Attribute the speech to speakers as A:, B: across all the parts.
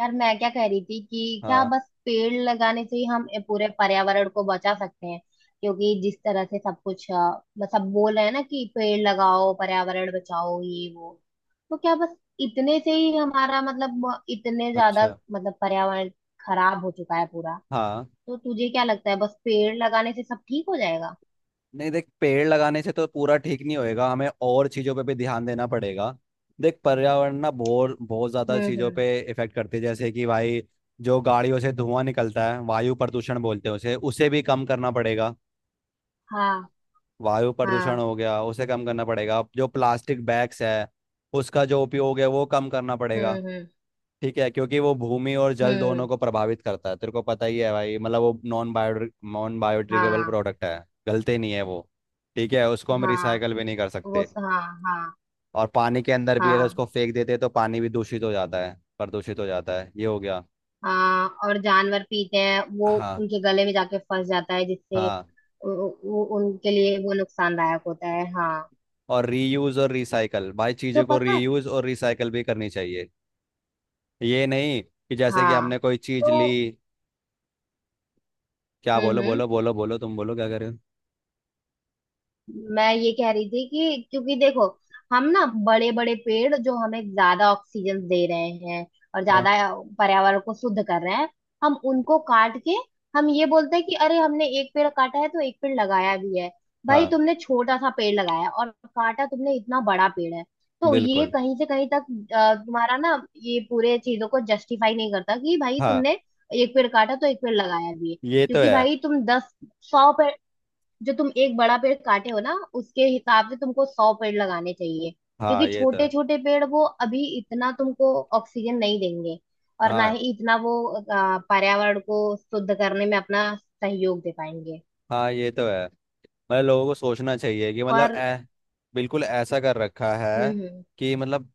A: यार, मैं क्या कह रही थी कि क्या
B: हाँ।
A: बस पेड़ लगाने से ही हम पूरे पर्यावरण को बचा सकते हैं? क्योंकि जिस तरह से सब कुछ बस सब बोल रहे हैं ना कि पेड़ लगाओ पर्यावरण बचाओ ये वो। तो क्या बस इतने से ही हमारा मतलब इतने ज्यादा
B: अच्छा।
A: मतलब पर्यावरण खराब हो चुका है पूरा।
B: हाँ।
A: तो तुझे क्या लगता है, बस पेड़ लगाने से सब ठीक हो जाएगा?
B: नहीं, देख, पेड़ लगाने से तो पूरा ठीक नहीं होएगा। हमें और चीज़ों पे भी ध्यान देना पड़ेगा। देख, पर्यावरण ना बहुत बहुत ज़्यादा चीज़ों
A: हम्म।
B: पे इफेक्ट करती है। जैसे कि भाई जो गाड़ियों से धुआं निकलता है वायु प्रदूषण बोलते हैं, उसे उसे भी कम करना पड़ेगा।
A: हाँ।
B: वायु प्रदूषण
A: हाँ।
B: हो गया, उसे कम करना पड़ेगा। जो प्लास्टिक बैग्स है उसका जो उपयोग है वो कम करना पड़ेगा।
A: हम्म हम्म
B: ठीक है, क्योंकि वो भूमि और जल
A: हम्म।
B: दोनों को प्रभावित करता है। तेरे को पता ही है भाई, मतलब वो नॉन बायोडिग्रेडेबल
A: हाँ।
B: प्रोडक्ट है। गलते नहीं है वो। ठीक है, उसको हम
A: हाँ।
B: रिसाइकल भी नहीं कर सकते।
A: हाँ। हाँ।
B: और पानी के अंदर भी अगर उसको
A: हाँ।
B: फेंक देते तो पानी भी दूषित हो जाता है, प्रदूषित हो जाता है। ये हो गया।
A: हाँ, और जानवर पीते हैं वो,
B: हाँ।
A: उनके गले में जाके फंस जाता है, जिससे
B: हाँ।
A: वो उनके लिए वो नुकसानदायक होता है। हाँ,
B: और रीयूज और रिसाइकल, भाई
A: तो
B: चीज़ों को
A: पता है।
B: रीयूज और रिसाइकल भी करनी चाहिए। ये नहीं कि जैसे कि
A: हाँ।
B: हमने कोई चीज़ ली।
A: तो
B: क्या, बोलो
A: हम्म,
B: बोलो बोलो बोलो, तुम बोलो क्या कर रहे हो।
A: मैं ये कह रही थी कि क्योंकि देखो, हम ना बड़े बड़े पेड़ जो हमें ज्यादा ऑक्सीजन दे रहे हैं और
B: हाँ।
A: ज्यादा पर्यावरण को शुद्ध कर रहे हैं, हम उनको काट के हम ये बोलते हैं कि अरे हमने एक पेड़ काटा है तो एक पेड़ लगाया भी है। भाई,
B: हाँ।
A: तुमने छोटा सा पेड़ लगाया, और काटा तुमने इतना बड़ा पेड़ है। तो ये
B: बिल्कुल।
A: कहीं से कहीं तक तुम्हारा ना ये पूरे चीजों को जस्टिफाई नहीं करता कि भाई
B: हाँ
A: तुमने एक पेड़ काटा तो एक पेड़ लगाया भी है।
B: ये तो
A: क्योंकि
B: है।
A: भाई, तुम 10, 100 पेड़, जो तुम एक बड़ा पेड़ काटे हो ना, उसके हिसाब से तुमको 100 पेड़ लगाने चाहिए।
B: हाँ
A: क्योंकि
B: ये तो
A: छोटे
B: है।
A: छोटे पेड़ वो अभी इतना तुमको ऑक्सीजन नहीं देंगे, और ना
B: हाँ।
A: ही इतना वो पर्यावरण को शुद्ध करने में अपना सहयोग दे पाएंगे।
B: हाँ ये तो है। मतलब लोगों को सोचना चाहिए कि मतलब
A: और
B: ऐ बिल्कुल ऐसा कर रखा
A: हम्म
B: है।
A: हम्म
B: कि मतलब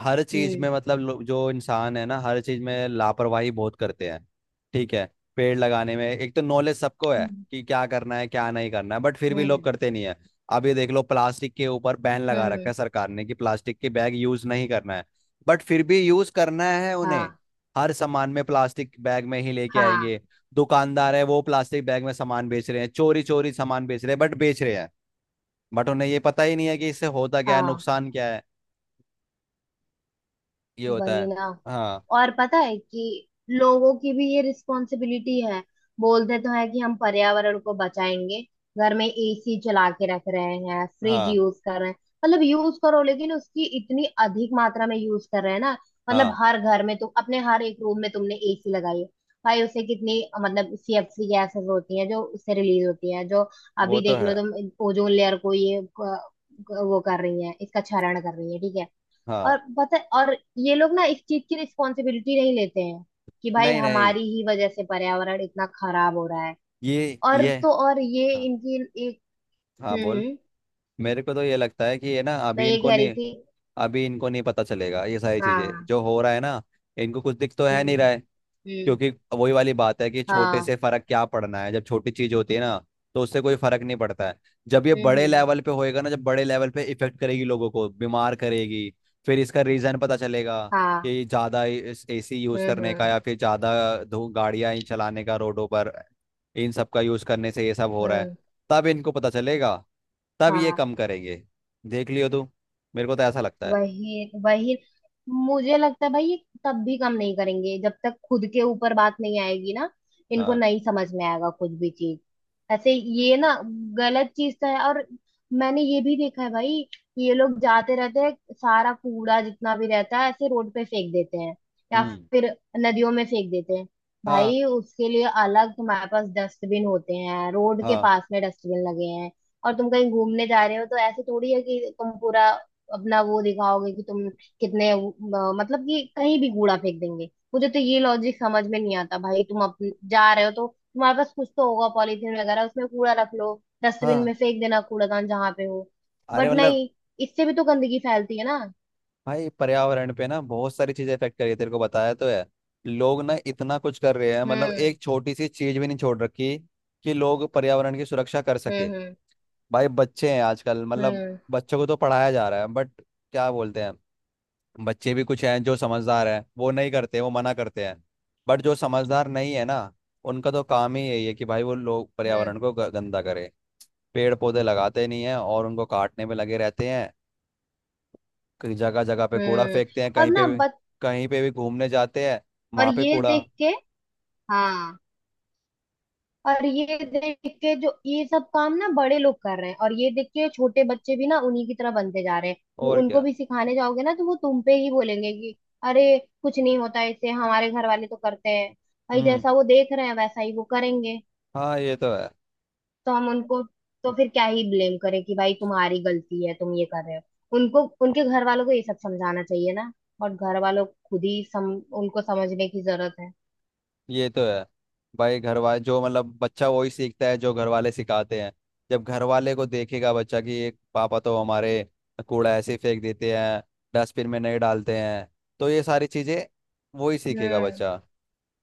B: हर चीज
A: हम्म
B: में मतलब जो इंसान है ना हर चीज में लापरवाही बहुत करते हैं। ठीक है। पेड़ लगाने में एक तो नॉलेज सबको है
A: हम्म।
B: कि क्या करना है क्या नहीं करना है, बट फिर भी लोग
A: हम्म
B: करते नहीं है। अब ये देख लो, प्लास्टिक के ऊपर बैन लगा रखा
A: हम्म।
B: है सरकार ने कि प्लास्टिक के बैग यूज नहीं करना है, बट फिर भी यूज करना है उन्हें।
A: हाँ।
B: हर सामान में प्लास्टिक बैग में ही लेके
A: हाँ।
B: आएंगे। दुकानदार है, वो प्लास्टिक बैग में सामान बेच रहे हैं। चोरी चोरी सामान बेच रहे हैं, बट बेच रहे हैं। बट उन्हें ये पता ही नहीं है कि इससे होता क्या है,
A: हाँ,
B: नुकसान क्या है। ये होता
A: वही
B: है।
A: ना।
B: हाँ।
A: और पता है कि लोगों की भी ये रिस्पॉन्सिबिलिटी है। बोलते तो है कि हम पर्यावरण को बचाएंगे, घर में एसी चला के रख रहे हैं, फ्रिज
B: हाँ।
A: यूज कर रहे हैं। मतलब यूज करो, लेकिन उसकी इतनी अधिक मात्रा में यूज कर रहे हैं ना। मतलब
B: हाँ।
A: हर घर में तुम अपने हर एक रूम में तुमने एसी लगाई है। भाई, उससे कितनी मतलब सीएफसी गैसेस होती हैं जो उससे रिलीज होती हैं। जो,
B: वो
A: अभी
B: तो
A: देख लो
B: है।
A: तुम, ओजोन लेयर को ये वो कर रही है, इसका क्षरण कर रही है, ठीक है।
B: हाँ।
A: और पता है, और ये लोग ना इस चीज की रिस्पॉन्सिबिलिटी नहीं लेते हैं कि भाई
B: नहीं नहीं।
A: हमारी ही वजह से पर्यावरण इतना खराब हो रहा है।
B: ये
A: और
B: ये
A: तो और, ये
B: हाँ।
A: इनकी एक।
B: हाँ,
A: हम्म
B: बोल।
A: हम्म,
B: मेरे को तो ये लगता है कि ये ना
A: मैं ये कह रही थी।
B: अभी इनको नहीं पता चलेगा ये सारी चीजें
A: हाँ।
B: जो हो रहा है ना। इनको कुछ दिख तो है नहीं
A: हम्म
B: रहा है।
A: हम्म।
B: क्योंकि वही वाली बात है कि छोटे
A: हाँ।
B: से फर्क क्या पड़ना है। जब छोटी चीज होती है ना तो उससे कोई फर्क नहीं पड़ता है। जब ये बड़े
A: हम्म।
B: लेवल पे होएगा ना, जब बड़े लेवल पे इफेक्ट करेगी, लोगों को बीमार करेगी, फिर इसका रीजन पता चलेगा
A: हाँ।
B: कि ज्यादा एसी यूज
A: हम्म
B: करने का
A: हम्म
B: या फिर ज्यादा धूप गाड़ियां ही चलाने का रोडों पर, इन सब का यूज करने से ये सब हो रहा है।
A: हम्म।
B: तब इनको पता चलेगा। तब ये
A: हाँ,
B: कम करेंगे। देख लियो तू। मेरे को तो ऐसा लगता है।
A: वही वही। मुझे लगता है भाई ये तब भी कम नहीं करेंगे जब तक खुद के ऊपर बात नहीं आएगी ना। इनको
B: हाँ।
A: नहीं समझ में आएगा कुछ भी चीज। ऐसे ये ना, गलत चीज तो है। और मैंने ये भी देखा है भाई कि ये लोग जाते रहते हैं, सारा कूड़ा जितना भी रहता है ऐसे रोड पे फेंक देते हैं, या
B: हम्म।
A: फिर नदियों में फेंक देते हैं।
B: हाँ।
A: भाई, उसके लिए अलग तुम्हारे पास डस्टबिन होते हैं, रोड के
B: हाँ।
A: पास में डस्टबिन लगे हैं। और तुम कहीं घूमने जा रहे हो तो ऐसे थोड़ी है कि तुम पूरा अपना वो दिखाओगे कि तुम कितने मतलब कि कहीं भी कूड़ा फेंक देंगे। मुझे तो ये लॉजिक समझ में नहीं आता भाई। जा रहे हो तो तुम्हारे पास कुछ तो होगा, पॉलीथीन वगैरह, उसमें कूड़ा रख लो, डस्टबिन
B: हाँ।
A: में फेंक देना, कूड़ादान जहां पे हो।
B: अरे
A: बट
B: मतलब।
A: नहीं, इससे भी तो गंदगी फैलती है ना।
B: भाई पर्यावरण पे ना बहुत सारी चीजें इफेक्ट कर रही है, तेरे को बताया तो है। लोग ना इतना कुछ कर रहे हैं, मतलब
A: हम्म
B: एक छोटी सी चीज भी नहीं छोड़ रखी कि लोग पर्यावरण की सुरक्षा कर सके।
A: हम्म।
B: भाई बच्चे हैं आजकल, मतलब
A: हम्म
B: बच्चों को तो पढ़ाया जा रहा है बट क्या बोलते हैं। बच्चे भी कुछ हैं जो समझदार हैं वो नहीं करते, वो मना करते हैं। बट जो समझदार नहीं है ना, उनका तो काम ही यही है कि भाई वो लोग
A: हम्म
B: पर्यावरण को गंदा करे। पेड़ पौधे लगाते नहीं है और उनको काटने में लगे रहते हैं। कहीं जगह जगह पे कूड़ा
A: हम्म।
B: फेंकते हैं,
A: और
B: कहीं पे
A: ना
B: भी।
A: बच
B: कहीं पे भी घूमने जाते हैं,
A: और
B: वहां पे
A: ये
B: कूड़ा।
A: देख के, हाँ, और ये देख के जो ये सब काम ना बड़े लोग कर रहे हैं, और ये देख के छोटे बच्चे भी ना उन्हीं की तरह बनते जा रहे हैं। वो
B: और
A: उनको
B: क्या।
A: भी सिखाने जाओगे ना तो वो तुम पे ही बोलेंगे कि अरे कुछ नहीं होता इससे, हमारे घर वाले तो करते हैं। भाई,
B: हम्म।
A: जैसा वो देख रहे हैं वैसा ही वो करेंगे।
B: हाँ ये तो है।
A: तो हम उनको तो फिर क्या ही ब्लेम करें कि भाई तुम्हारी गलती है, तुम ये कर रहे हो। उनको उनके घर वालों को ये सब समझाना चाहिए ना। और घर वालों को खुद ही सम उनको समझने की जरूरत है।
B: ये तो है भाई। घर वाले जो मतलब बच्चा वही सीखता है जो घर वाले सिखाते हैं जब घर वाले को देखेगा बच्चा कि एक पापा तो हमारे कूड़ा ऐसे ही फेंक देते हैं डस्टबिन में नहीं डालते हैं तो ये सारी चीजें वही सीखेगा
A: हम्म,
B: बच्चा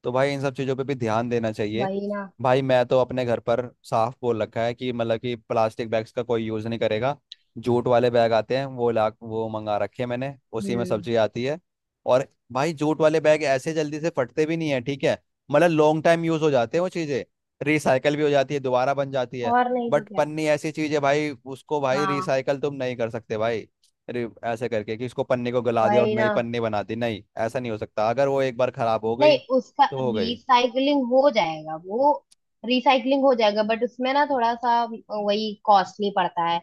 B: तो भाई इन सब चीज़ों पे भी ध्यान देना चाहिए
A: वही ना।
B: भाई मैं तो अपने घर पर साफ बोल रखा है कि मतलब कि प्लास्टिक बैग्स का कोई यूज़ नहीं करेगा जूट वाले बैग आते हैं वो ला वो मंगा रखे हैं मैंने उसी में
A: हम्म।
B: सब्जी आती है और भाई जूट वाले बैग ऐसे जल्दी से फटते भी नहीं है ठीक है मतलब लॉन्ग टाइम यूज़ हो जाते हैं वो चीज़ें रिसाइकल भी हो जाती है दोबारा बन जाती है
A: और नहीं तो
B: बट
A: क्या।
B: पन्नी ऐसी चीज़ है भाई उसको भाई
A: हाँ,
B: रिसाइकल तुम नहीं कर सकते भाई रि- ऐसे करके कि इसको पन्नी को गला दिया और
A: वही
B: नई
A: ना।
B: पन्नी बना दी नहीं ऐसा नहीं हो सकता अगर वो एक बार खराब हो
A: नहीं,
B: गई
A: उसका
B: तो हो गई
A: रिसाइकलिंग हो जाएगा वो, रिसाइकलिंग हो जाएगा, बट उसमें ना थोड़ा सा वही कॉस्टली पड़ता है।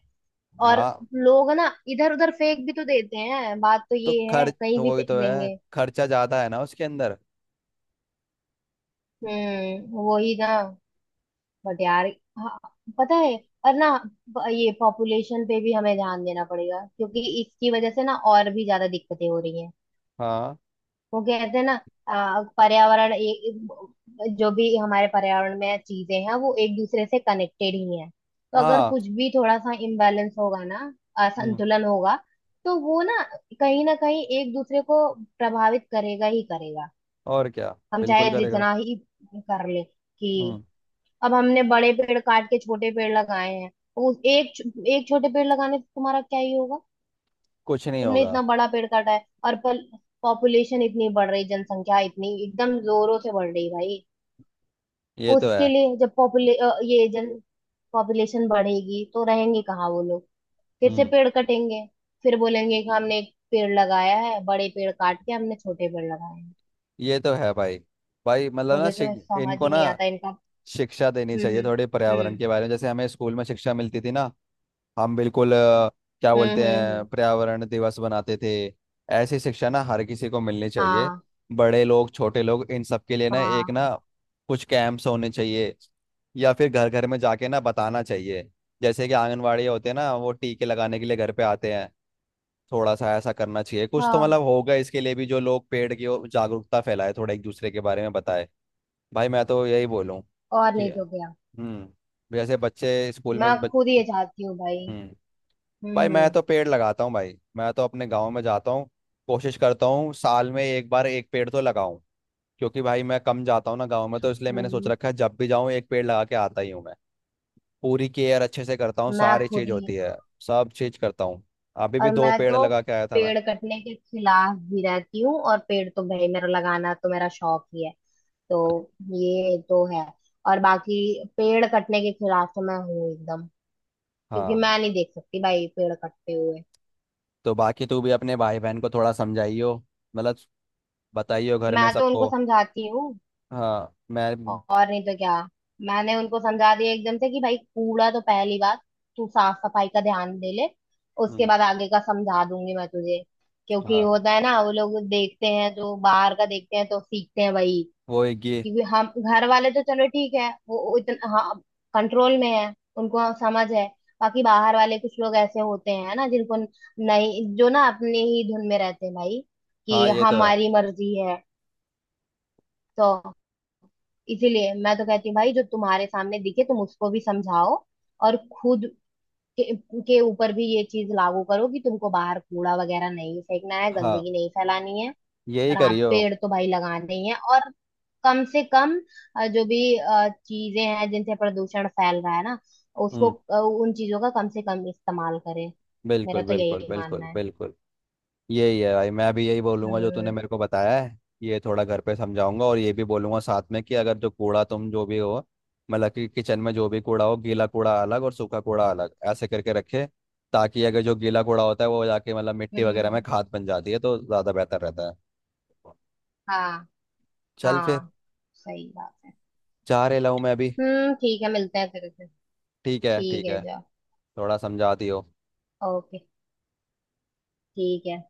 A: और
B: हाँ
A: लोग ना इधर उधर फेंक भी तो देते हैं, बात तो
B: तो
A: ये है,
B: खर्च
A: कहीं
B: तो
A: भी
B: वही
A: फेंक
B: तो है
A: देंगे।
B: खर्चा ज्यादा है ना उसके अंदर
A: हम्म, वही ना। बट यार, हाँ, पता है। और ना, ये पॉपुलेशन पे भी हमें ध्यान देना पड़ेगा क्योंकि इसकी वजह से ना और भी ज्यादा दिक्कतें हो रही हैं।
B: हाँ
A: वो कहते हैं ना, पर्यावरण जो भी हमारे पर्यावरण में चीजें हैं वो एक दूसरे से कनेक्टेड ही हैं। तो अगर
B: हाँ
A: कुछ भी थोड़ा सा इम्बैलेंस होगा ना,
B: हम्म
A: असंतुलन होगा, तो वो ना कहीं एक दूसरे को प्रभावित करेगा ही करेगा।
B: और क्या
A: हम
B: बिल्कुल
A: चाहे
B: करेगा
A: जितना ही कर ले कि
B: हम्म
A: अब हमने बड़े पेड़ काट के छोटे पेड़ लगाए हैं, तो उस एक एक छोटे पेड़ लगाने से तुम्हारा क्या ही होगा।
B: कुछ नहीं
A: तुमने
B: होगा
A: इतना बड़ा पेड़ काटा है, और पॉपुलेशन इतनी बढ़ रही, जनसंख्या इतनी एकदम जोरों से बढ़ रही भाई।
B: ये तो है
A: उसके लिए जब पॉपुले अ, ये जन पॉपुलेशन बढ़ेगी तो रहेंगे कहाँ वो लोग? फिर से
B: हम्म
A: पेड़ कटेंगे, फिर बोलेंगे कि हमने एक पेड़ लगाया है, बड़े पेड़ काट के हमने छोटे पेड़ लगाए हैं।
B: ये तो है भाई भाई मतलब ना
A: मुझे तो समझ
B: इनको
A: ही
B: ना
A: नहीं आता इनका।
B: शिक्षा देनी चाहिए
A: हम्म
B: थोड़ी, पर्यावरण
A: हम्म
B: के बारे में, जैसे हमें स्कूल में शिक्षा मिलती थी ना। हम बिल्कुल क्या बोलते
A: हम्म।
B: हैं, पर्यावरण दिवस बनाते थे। ऐसी शिक्षा ना हर किसी को मिलनी चाहिए।
A: हाँ।
B: बड़े लोग, छोटे लोग, इन सब के लिए ना
A: हाँ।
B: एक ना कुछ कैंप्स होने चाहिए, या फिर घर घर में जाके ना बताना चाहिए। जैसे कि आंगनवाड़ी होते हैं ना, वो टीके लगाने के लिए घर पे आते हैं। थोड़ा सा ऐसा करना चाहिए। कुछ तो
A: हाँ,
B: मतलब होगा इसके लिए भी, जो लोग पेड़ की ओर जागरूकता फैलाए, थोड़ा एक दूसरे के बारे में बताए। भाई मैं तो यही बोलूँ
A: और
B: कि।
A: नहीं तो क्या।
B: हम्म। जैसे बच्चे स्कूल
A: मैं
B: में
A: खुद ये चाहती हूँ भाई।
B: हम्म।
A: हम्म
B: भाई मैं
A: हम्म
B: तो पेड़ लगाता हूँ। भाई मैं तो अपने गांव में जाता हूँ। कोशिश करता हूँ साल में एक बार एक पेड़ तो लगाऊं। क्योंकि भाई मैं कम जाता हूँ ना गांव में, तो इसलिए मैंने सोच
A: हम्म,
B: रखा है जब भी जाऊँ एक पेड़ लगा के आता ही हूँ मैं। पूरी केयर अच्छे से करता हूँ,
A: मैं
B: सारी
A: खुद
B: चीज
A: ही।
B: होती है। सब चीज करता हूँ। अभी भी
A: और
B: दो
A: मैं
B: पेड़
A: तो
B: लगा के आया था मैं।
A: पेड़ कटने के खिलाफ भी रहती हूँ, और पेड़ तो भाई मेरा लगाना तो मेरा शौक ही है। तो ये तो है। और बाकी, पेड़ कटने के खिलाफ तो मैं हूँ एकदम, क्योंकि
B: हाँ।
A: मैं नहीं देख सकती भाई पेड़ कटते हुए।
B: तो बाकी तू भी अपने भाई बहन को थोड़ा समझाइयो, मतलब बताइयो घर
A: मैं
B: में
A: तो उनको
B: सबको।
A: समझाती हूँ,
B: हाँ। मैं।
A: और नहीं तो क्या। मैंने उनको समझा दिया एकदम से कि भाई, कूड़ा तो पहली बात, तू साफ सफाई का ध्यान दे ले, उसके
B: हम्म,
A: बाद आगे का समझा दूंगी मैं तुझे। क्योंकि
B: हाँ।
A: होता है ना, वो लोग देखते हैं, जो बाहर का देखते हैं तो सीखते हैं वही।
B: वो एक ये।
A: क्योंकि हम, घर वाले तो चलो ठीक है, वो इतना, हाँ, कंट्रोल में है, उनको समझ है। बाकी बाहर वाले कुछ लोग ऐसे होते हैं ना, जिनको नहीं, जो ना अपने ही धुन में रहते हैं भाई, कि
B: हाँ ये तो है।
A: हमारी मर्जी है। तो इसीलिए मैं तो कहती हूँ भाई, जो तुम्हारे सामने दिखे तुम उसको भी समझाओ, और खुद के, के ऊपर भी ये चीज लागू करो कि तुमको बाहर कूड़ा वगैरह नहीं फेंकना है,
B: हाँ,
A: गंदगी नहीं फैलानी है।
B: यही
A: और हाँ,
B: करियो।
A: पेड़ तो भाई लगाने ही हैं, और कम से कम जो भी चीजें हैं जिनसे प्रदूषण फैल रहा है ना, उसको
B: हम्म।
A: उन चीजों का कम से कम इस्तेमाल करें। मेरा
B: बिल्कुल
A: तो
B: बिल्कुल
A: यही
B: बिल्कुल
A: मानना है।
B: बिल्कुल। यही है भाई, मैं भी यही बोलूंगा जो तूने
A: हम्म
B: मेरे को बताया है। ये थोड़ा घर पे समझाऊंगा। और ये भी बोलूंगा साथ में कि अगर जो कूड़ा, तुम जो भी हो, मतलब कि किचन में जो भी कूड़ा हो, गीला कूड़ा अलग और सूखा कूड़ा अलग, ऐसे करके रखे, ताकि अगर जो गीला कूड़ा होता है वो जाके मतलब मिट्टी वगैरह में
A: हम्म।
B: खाद बन जाती है, तो ज़्यादा बेहतर रहता है।
A: हाँ।
B: चल फिर।
A: हाँ, सही बात है।
B: जा रहे, लाऊं मैं अभी।
A: हम्म, ठीक है, मिलते हैं फिर से।
B: ठीक है।
A: ठीक
B: ठीक
A: है,
B: है।
A: जाओ।
B: थोड़ा समझा दियो।
A: ओके। ठीक है।